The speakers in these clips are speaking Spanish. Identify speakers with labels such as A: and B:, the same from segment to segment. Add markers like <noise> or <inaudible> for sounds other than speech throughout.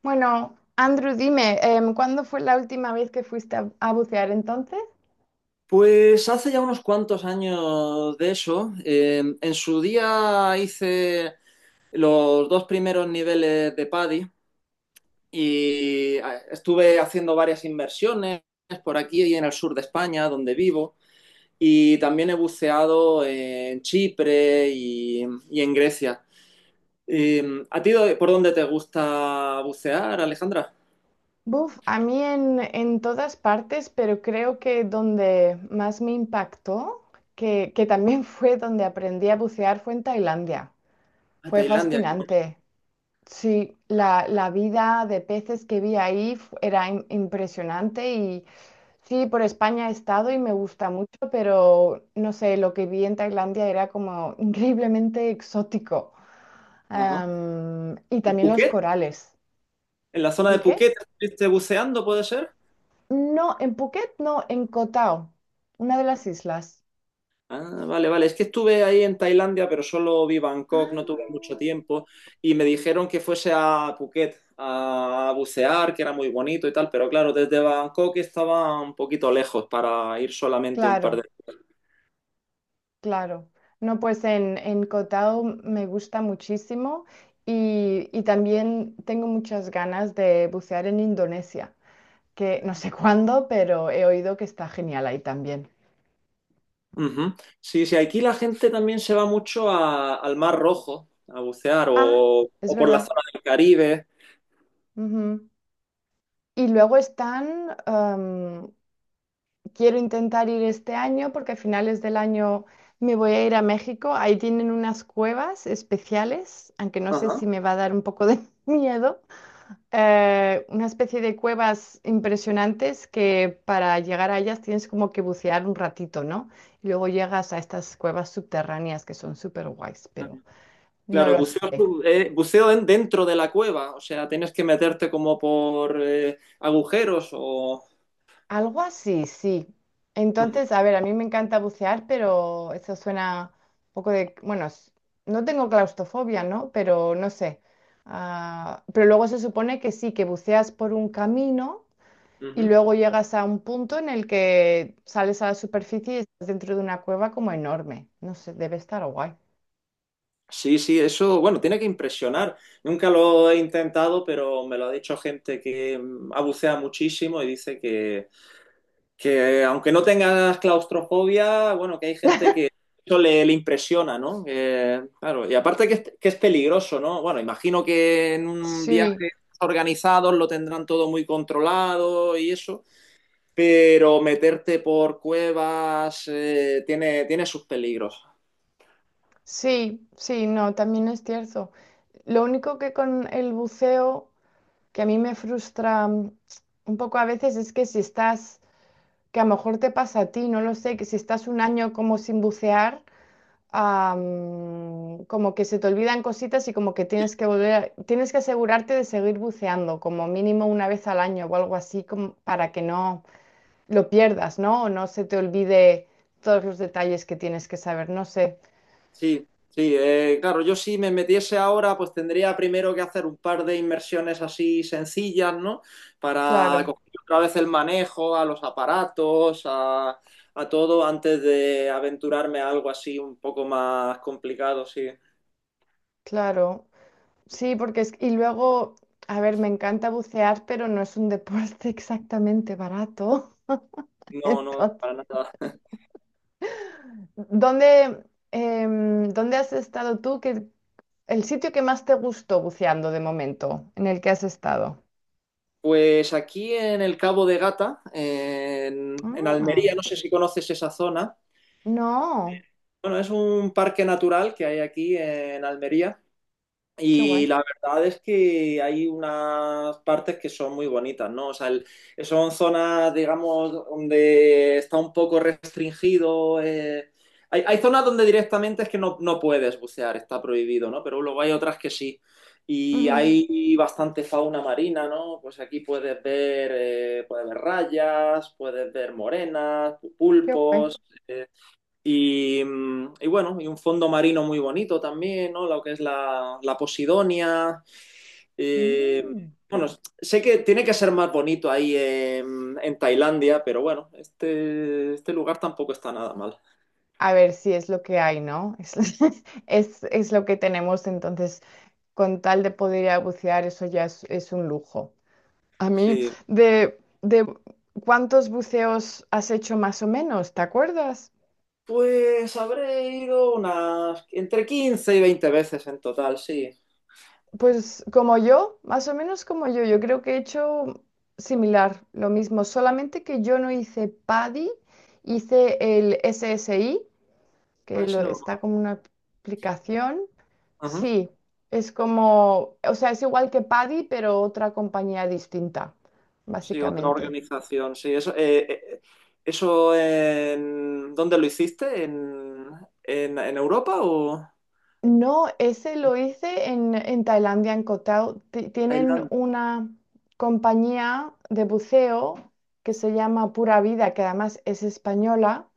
A: Bueno, Andrew, dime, ¿cuándo fue la última vez que fuiste a bucear entonces?
B: Pues hace ya unos cuantos años de eso. En su día hice los dos primeros niveles de PADI y estuve haciendo varias inversiones por aquí y en el sur de España, donde vivo, y también he buceado en Chipre y en Grecia. ¿A ti por dónde te gusta bucear, Alejandra?
A: Buf, a mí en todas partes, pero creo que donde más me impactó, que también <laughs> fue donde aprendí a bucear, fue en Tailandia.
B: A
A: Fue
B: Tailandia, qué bonito.
A: fascinante. Sí, la vida de peces que vi ahí era impresionante y sí, por España he estado y me gusta mucho, pero no sé, lo que vi en Tailandia era como <laughs> increíblemente exótico.
B: Ajá.
A: Y
B: ¿En
A: también los
B: Phuket?
A: corales.
B: ¿En la zona de
A: ¿El qué?
B: Phuket estuviste buceando, puede ser?
A: No, en Phuket, no, en Koh Tao, una de las islas.
B: Ah, vale, vale. Es que estuve ahí en Tailandia, pero solo vi Bangkok, no tuve mucho
A: Ah.
B: tiempo. Y me dijeron que fuese a Phuket a bucear, que era muy bonito y tal, pero claro, desde Bangkok estaba un poquito lejos para ir solamente un par de.
A: Claro, claro. No, pues en Koh Tao me gusta muchísimo y también tengo muchas ganas de bucear en Indonesia, que no sé <laughs> cuándo, pero he oído que está genial ahí también.
B: Ujú. Sí, sí, aquí la gente también se va mucho al Mar Rojo a bucear
A: Ah, es
B: o por la
A: verdad.
B: zona del Caribe.
A: Ujú. Y luego están, quiero intentar ir este año porque a finales del año me voy a ir a México. Ahí tienen unas cuevas especiales, aunque no sé si
B: Ajá.
A: me va a dar un poco de <laughs> miedo. Una especie de cuevas impresionantes que para llegar a ellas tienes como que bucear un ratito, ¿no? Y luego llegas a estas cuevas subterráneas que son súper guays, pero no
B: Claro,
A: lo sé.
B: buceo dentro de la cueva, o sea, tienes que meterte como por agujeros o.
A: Algo así, sí. Entonces, a ver, a mí me encanta bucear, pero eso suena un poco de, bueno, no tengo claustrofobia, ¿no? Pero no sé. Ah, pero luego se supone que sí, que buceas por un camino y
B: Ujú.
A: luego llegas a un punto en el que sales a la superficie y estás dentro de una cueva como enorme. No sé, debe estar guay.
B: Sí, sí, eso, bueno, tiene que impresionar. Nunca lo he intentado, pero me lo ha dicho gente que ha buceado muchísimo y dice que aunque no tengas claustrofobia, bueno, que hay gente
A: <laughs>
B: que eso le impresiona, ¿no? Que, claro, y aparte que es peligroso, ¿no? Bueno, imagino que en un
A: Sí,
B: viaje organizado lo tendrán todo muy controlado y eso, pero meterte por cuevas tiene sus peligros.
A: sí, sí, no, también es cierto. Lo único que con el buceo que a mí me frustra un poco a veces es que si estás, que a lo mejor te pasa a ti, no lo sé, que si estás un año como sin bucear, como que se te olvidan cositas y como que tienes que volver, tienes que asegurarte de seguir buceando, como mínimo una vez al año o algo así, como para que no lo pierdas, ¿no? O no se te olvide todos los detalles que tienes que saber, no sé.
B: Sí, sí, claro, yo si me metiese ahora, pues tendría primero que hacer un par de inmersiones así sencillas, ¿no? Para
A: Claro,
B: coger otra vez el manejo a los aparatos, a todo, antes de aventurarme a algo así un poco más complicado, sí.
A: claro. Sí, porque es... Y luego, a ver, me encanta bucear, pero no es un deporte <laughs> exactamente barato. <laughs>
B: No, no,
A: Entonces,
B: para nada.
A: ¿dónde, dónde has estado tú? ¿Qué, el sitio que más te gustó buceando de momento, en el que has estado?
B: Pues aquí en el Cabo de Gata, en,
A: Ah,
B: Almería, no sé si conoces esa zona.
A: no,
B: Bueno, es un parque natural que hay aquí en Almería.
A: qué
B: Y
A: guay.
B: la verdad es que hay unas partes que son muy bonitas, ¿no? O sea, son zonas, digamos, donde está un poco restringido. Hay zonas donde directamente es que no puedes bucear, está prohibido, ¿no? Pero luego hay otras que sí. Y
A: Ujú.
B: hay bastante fauna marina, ¿no? Pues aquí puedes ver rayas, puedes ver morenas,
A: Qué guay.
B: pulpos. eh, bueno, y un fondo marino muy bonito también, ¿no? Lo que es la Posidonia. Eh,
A: Mm.
B: bueno, sé que tiene que ser más bonito ahí en, Tailandia, pero bueno, este lugar tampoco está nada mal.
A: A ver si es lo que hay, ¿no? Es, <laughs> es lo que tenemos, entonces, con tal de poder ir a bucear, eso ya es un lujo. A mí,
B: Sí.
A: de cuántos buceos has hecho más o menos, ¿te acuerdas?
B: Pues habré ido unas entre 15 y 20 veces en total, sí.
A: Pues como yo, más o menos como yo creo que he hecho similar, lo mismo, solamente que yo no hice PADI, hice el SSI,
B: A
A: que
B: ese no-
A: está como una aplicación.
B: Ajá.
A: Sí, es como, o sea, es igual que PADI, pero otra compañía distinta,
B: Sí, otra
A: básicamente.
B: organización, sí. Eso. ¿Dónde lo hiciste? ¿En Europa o?
A: No, ese lo hice en Tailandia, en Koh Tao. Tienen
B: Tailandia.
A: una compañía de buceo que se llama Pura Vida, que además es española.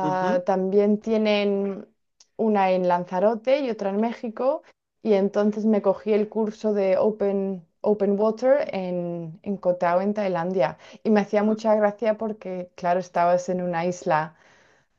B: Ujú.
A: también tienen una en Lanzarote y otra en México. Y entonces me cogí el curso de Open, Open Water en Koh Tao, en Tailandia. Y me hacía mucha gracia porque, claro, estabas en una isla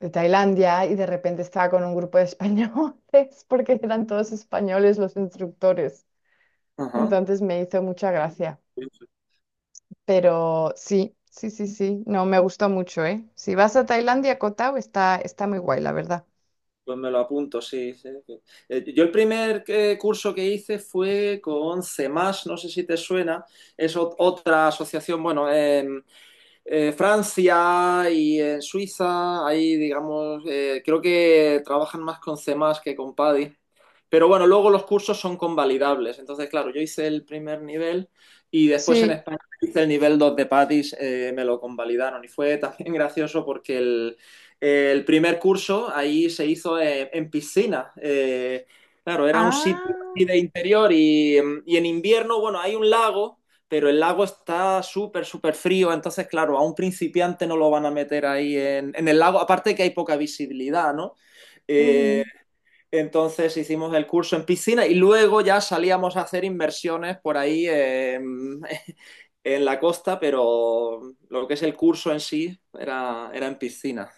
A: de Tailandia y de repente estaba con un grupo de españoles <laughs> porque eran todos españoles los instructores.
B: Ajá.
A: Entonces me hizo mucha gracia.
B: Pues
A: Pero sí, sí, sí, sí, no, me gustó mucho, ¿eh? Si vas a Tailandia, Koh Tao está, está muy guay, la verdad.
B: pues me lo apunto, sí. Sí. Sí. Yo el primer curso que hice fue con CEMAS, no sé si te suena, es otra asociación, bueno, Francia y en Suiza, ahí digamos, creo que trabajan más con C++ más que con PADI. Pero bueno, luego los cursos son convalidables. Entonces, claro, yo hice el primer nivel y después en
A: Sí.
B: España hice el nivel 2 de PADIS, me lo convalidaron. Y fue también <laughs> gracioso porque el primer curso ahí se hizo en, piscina. Claro, era un sitio así
A: Ah,
B: de interior y en invierno, bueno, hay un lago pero el lago está súper, súper frío, entonces, claro, a un principiante no lo van a meter ahí en el lago, aparte que hay poca visibilidad, ¿no? Eh,
A: ujú.
B: entonces hicimos el curso en piscina y luego ya salíamos a hacer inversiones por ahí <laughs> en la costa, pero lo que es el curso en sí era en piscina.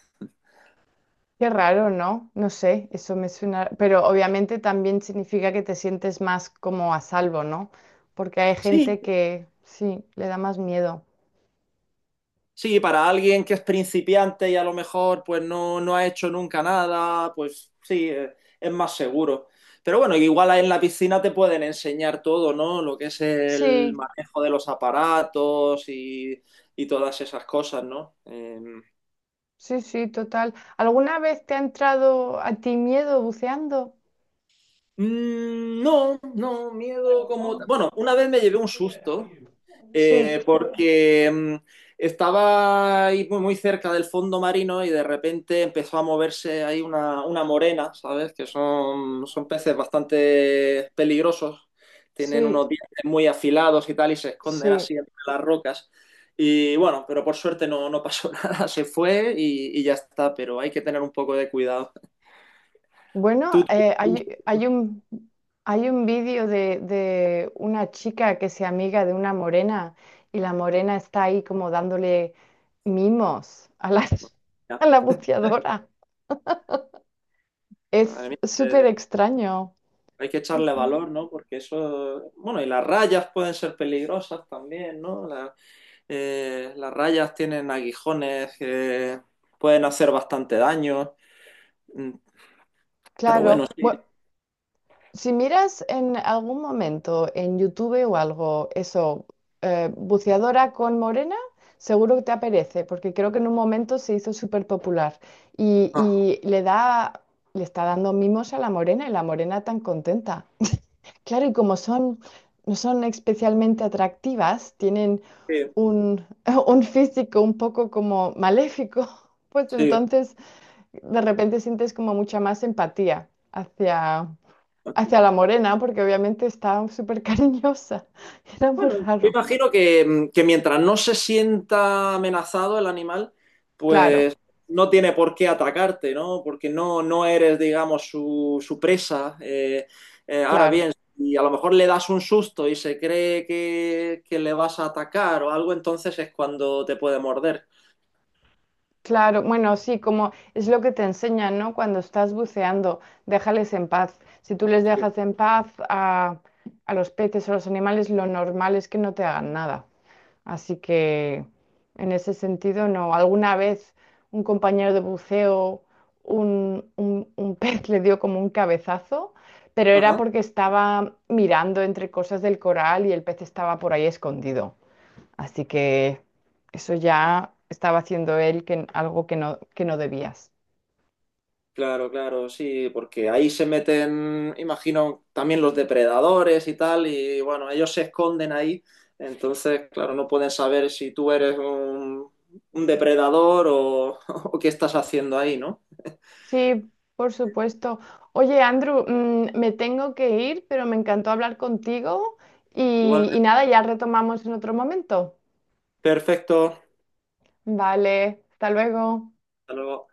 A: Qué raro, ¿no? No sé, eso me suena, pero obviamente también significa que te sientes más como a salvo, ¿no? Porque hay
B: Sí,
A: gente que sí, le da más miedo.
B: sí, para alguien que es principiante y a lo mejor pues no ha hecho nunca nada, pues sí, es más seguro. Pero bueno, igual ahí en la piscina te pueden enseñar todo, ¿no? Lo que es el
A: Sí.
B: manejo de los aparatos y todas esas cosas, ¿no?
A: Sí, sí, total. ¿Alguna vez te ha entrado a ti miedo buceando?
B: Mm. No, no, miedo como. Bueno, una vez me llevé un susto
A: Sí,
B: porque estaba ahí muy, muy cerca del fondo marino y de repente empezó a moverse ahí una morena, ¿sabes? Que son peces bastante peligrosos, tienen
A: sí,
B: unos dientes muy afilados y tal y se esconden
A: sí.
B: así entre las rocas. Y bueno, pero por suerte no pasó <laughs> nada, se fue y ya está, pero hay que tener un poco de cuidado.
A: Bueno,
B: Tú, tú-
A: hay,
B: tú-
A: hay un vídeo de una chica que se amiga de una morena y la morena está ahí como dándole mimos a la, <laughs>
B: ya.
A: a la buceadora. Es
B: Madre mía,
A: súper extraño.
B: hay que echarle
A: Sí.
B: valor, ¿no? Porque eso, bueno, y las rayas pueden ser peligrosas también, ¿no? Las rayas tienen aguijones, que pueden hacer bastante daño. Mm. Pero bueno,
A: Claro, bueno, si miras en algún momento en YouTube o algo, eso, buceadora con morena, seguro que te aparece, porque creo que en un momento se hizo súper popular y,
B: ah,
A: y le da, le está dando mimos a la morena y la morena tan contenta. Claro, y como son, no son especialmente atractivas, tienen
B: sí,
A: un, <laughs> un físico un poco como maléfico, pues
B: sí.
A: entonces de repente sientes como mucha más empatía hacia hacia la morena, porque obviamente estaba súper cariñosa. <laughs> Era muy
B: Bueno, yo
A: raro.
B: imagino que mientras no se sienta amenazado el animal,
A: Claro,
B: pues no tiene por qué atacarte, ¿no? Porque no eres, digamos, su presa. Ahora
A: claro,
B: bien, si a lo mejor le das un susto y se cree que le vas a atacar o algo, entonces es cuando te puede morder.
A: claro. Bueno, sí, como es lo que te enseñan, ¿no? Cuando estás buceando, déjales en paz. Si tú les
B: Sí.
A: dejas en paz a los peces o los animales, lo normal es que no te hagan nada. Así que en ese sentido, no. Alguna vez un compañero de buceo, un <laughs> pez le dio como un cabezazo, pero era
B: Ajá.
A: porque estaba mirando entre cosas del coral y el pez estaba por ahí escondido. Así que eso ya estaba haciendo él que, algo que no debías.
B: Claro, claro, sí, porque ahí se meten, imagino, también los depredadores y tal, y bueno, ellos se esconden ahí, entonces, claro, no pueden saber si tú eres un depredador o, <laughs> o qué estás haciendo ahí, ¿no?
A: Sí, por supuesto. Oye, Andrew, me tengo que ir, pero me encantó hablar contigo
B: Igual,
A: y nada, ya retomamos en otro momento.
B: perfecto.
A: Vale, hasta luego.
B: Hasta luego.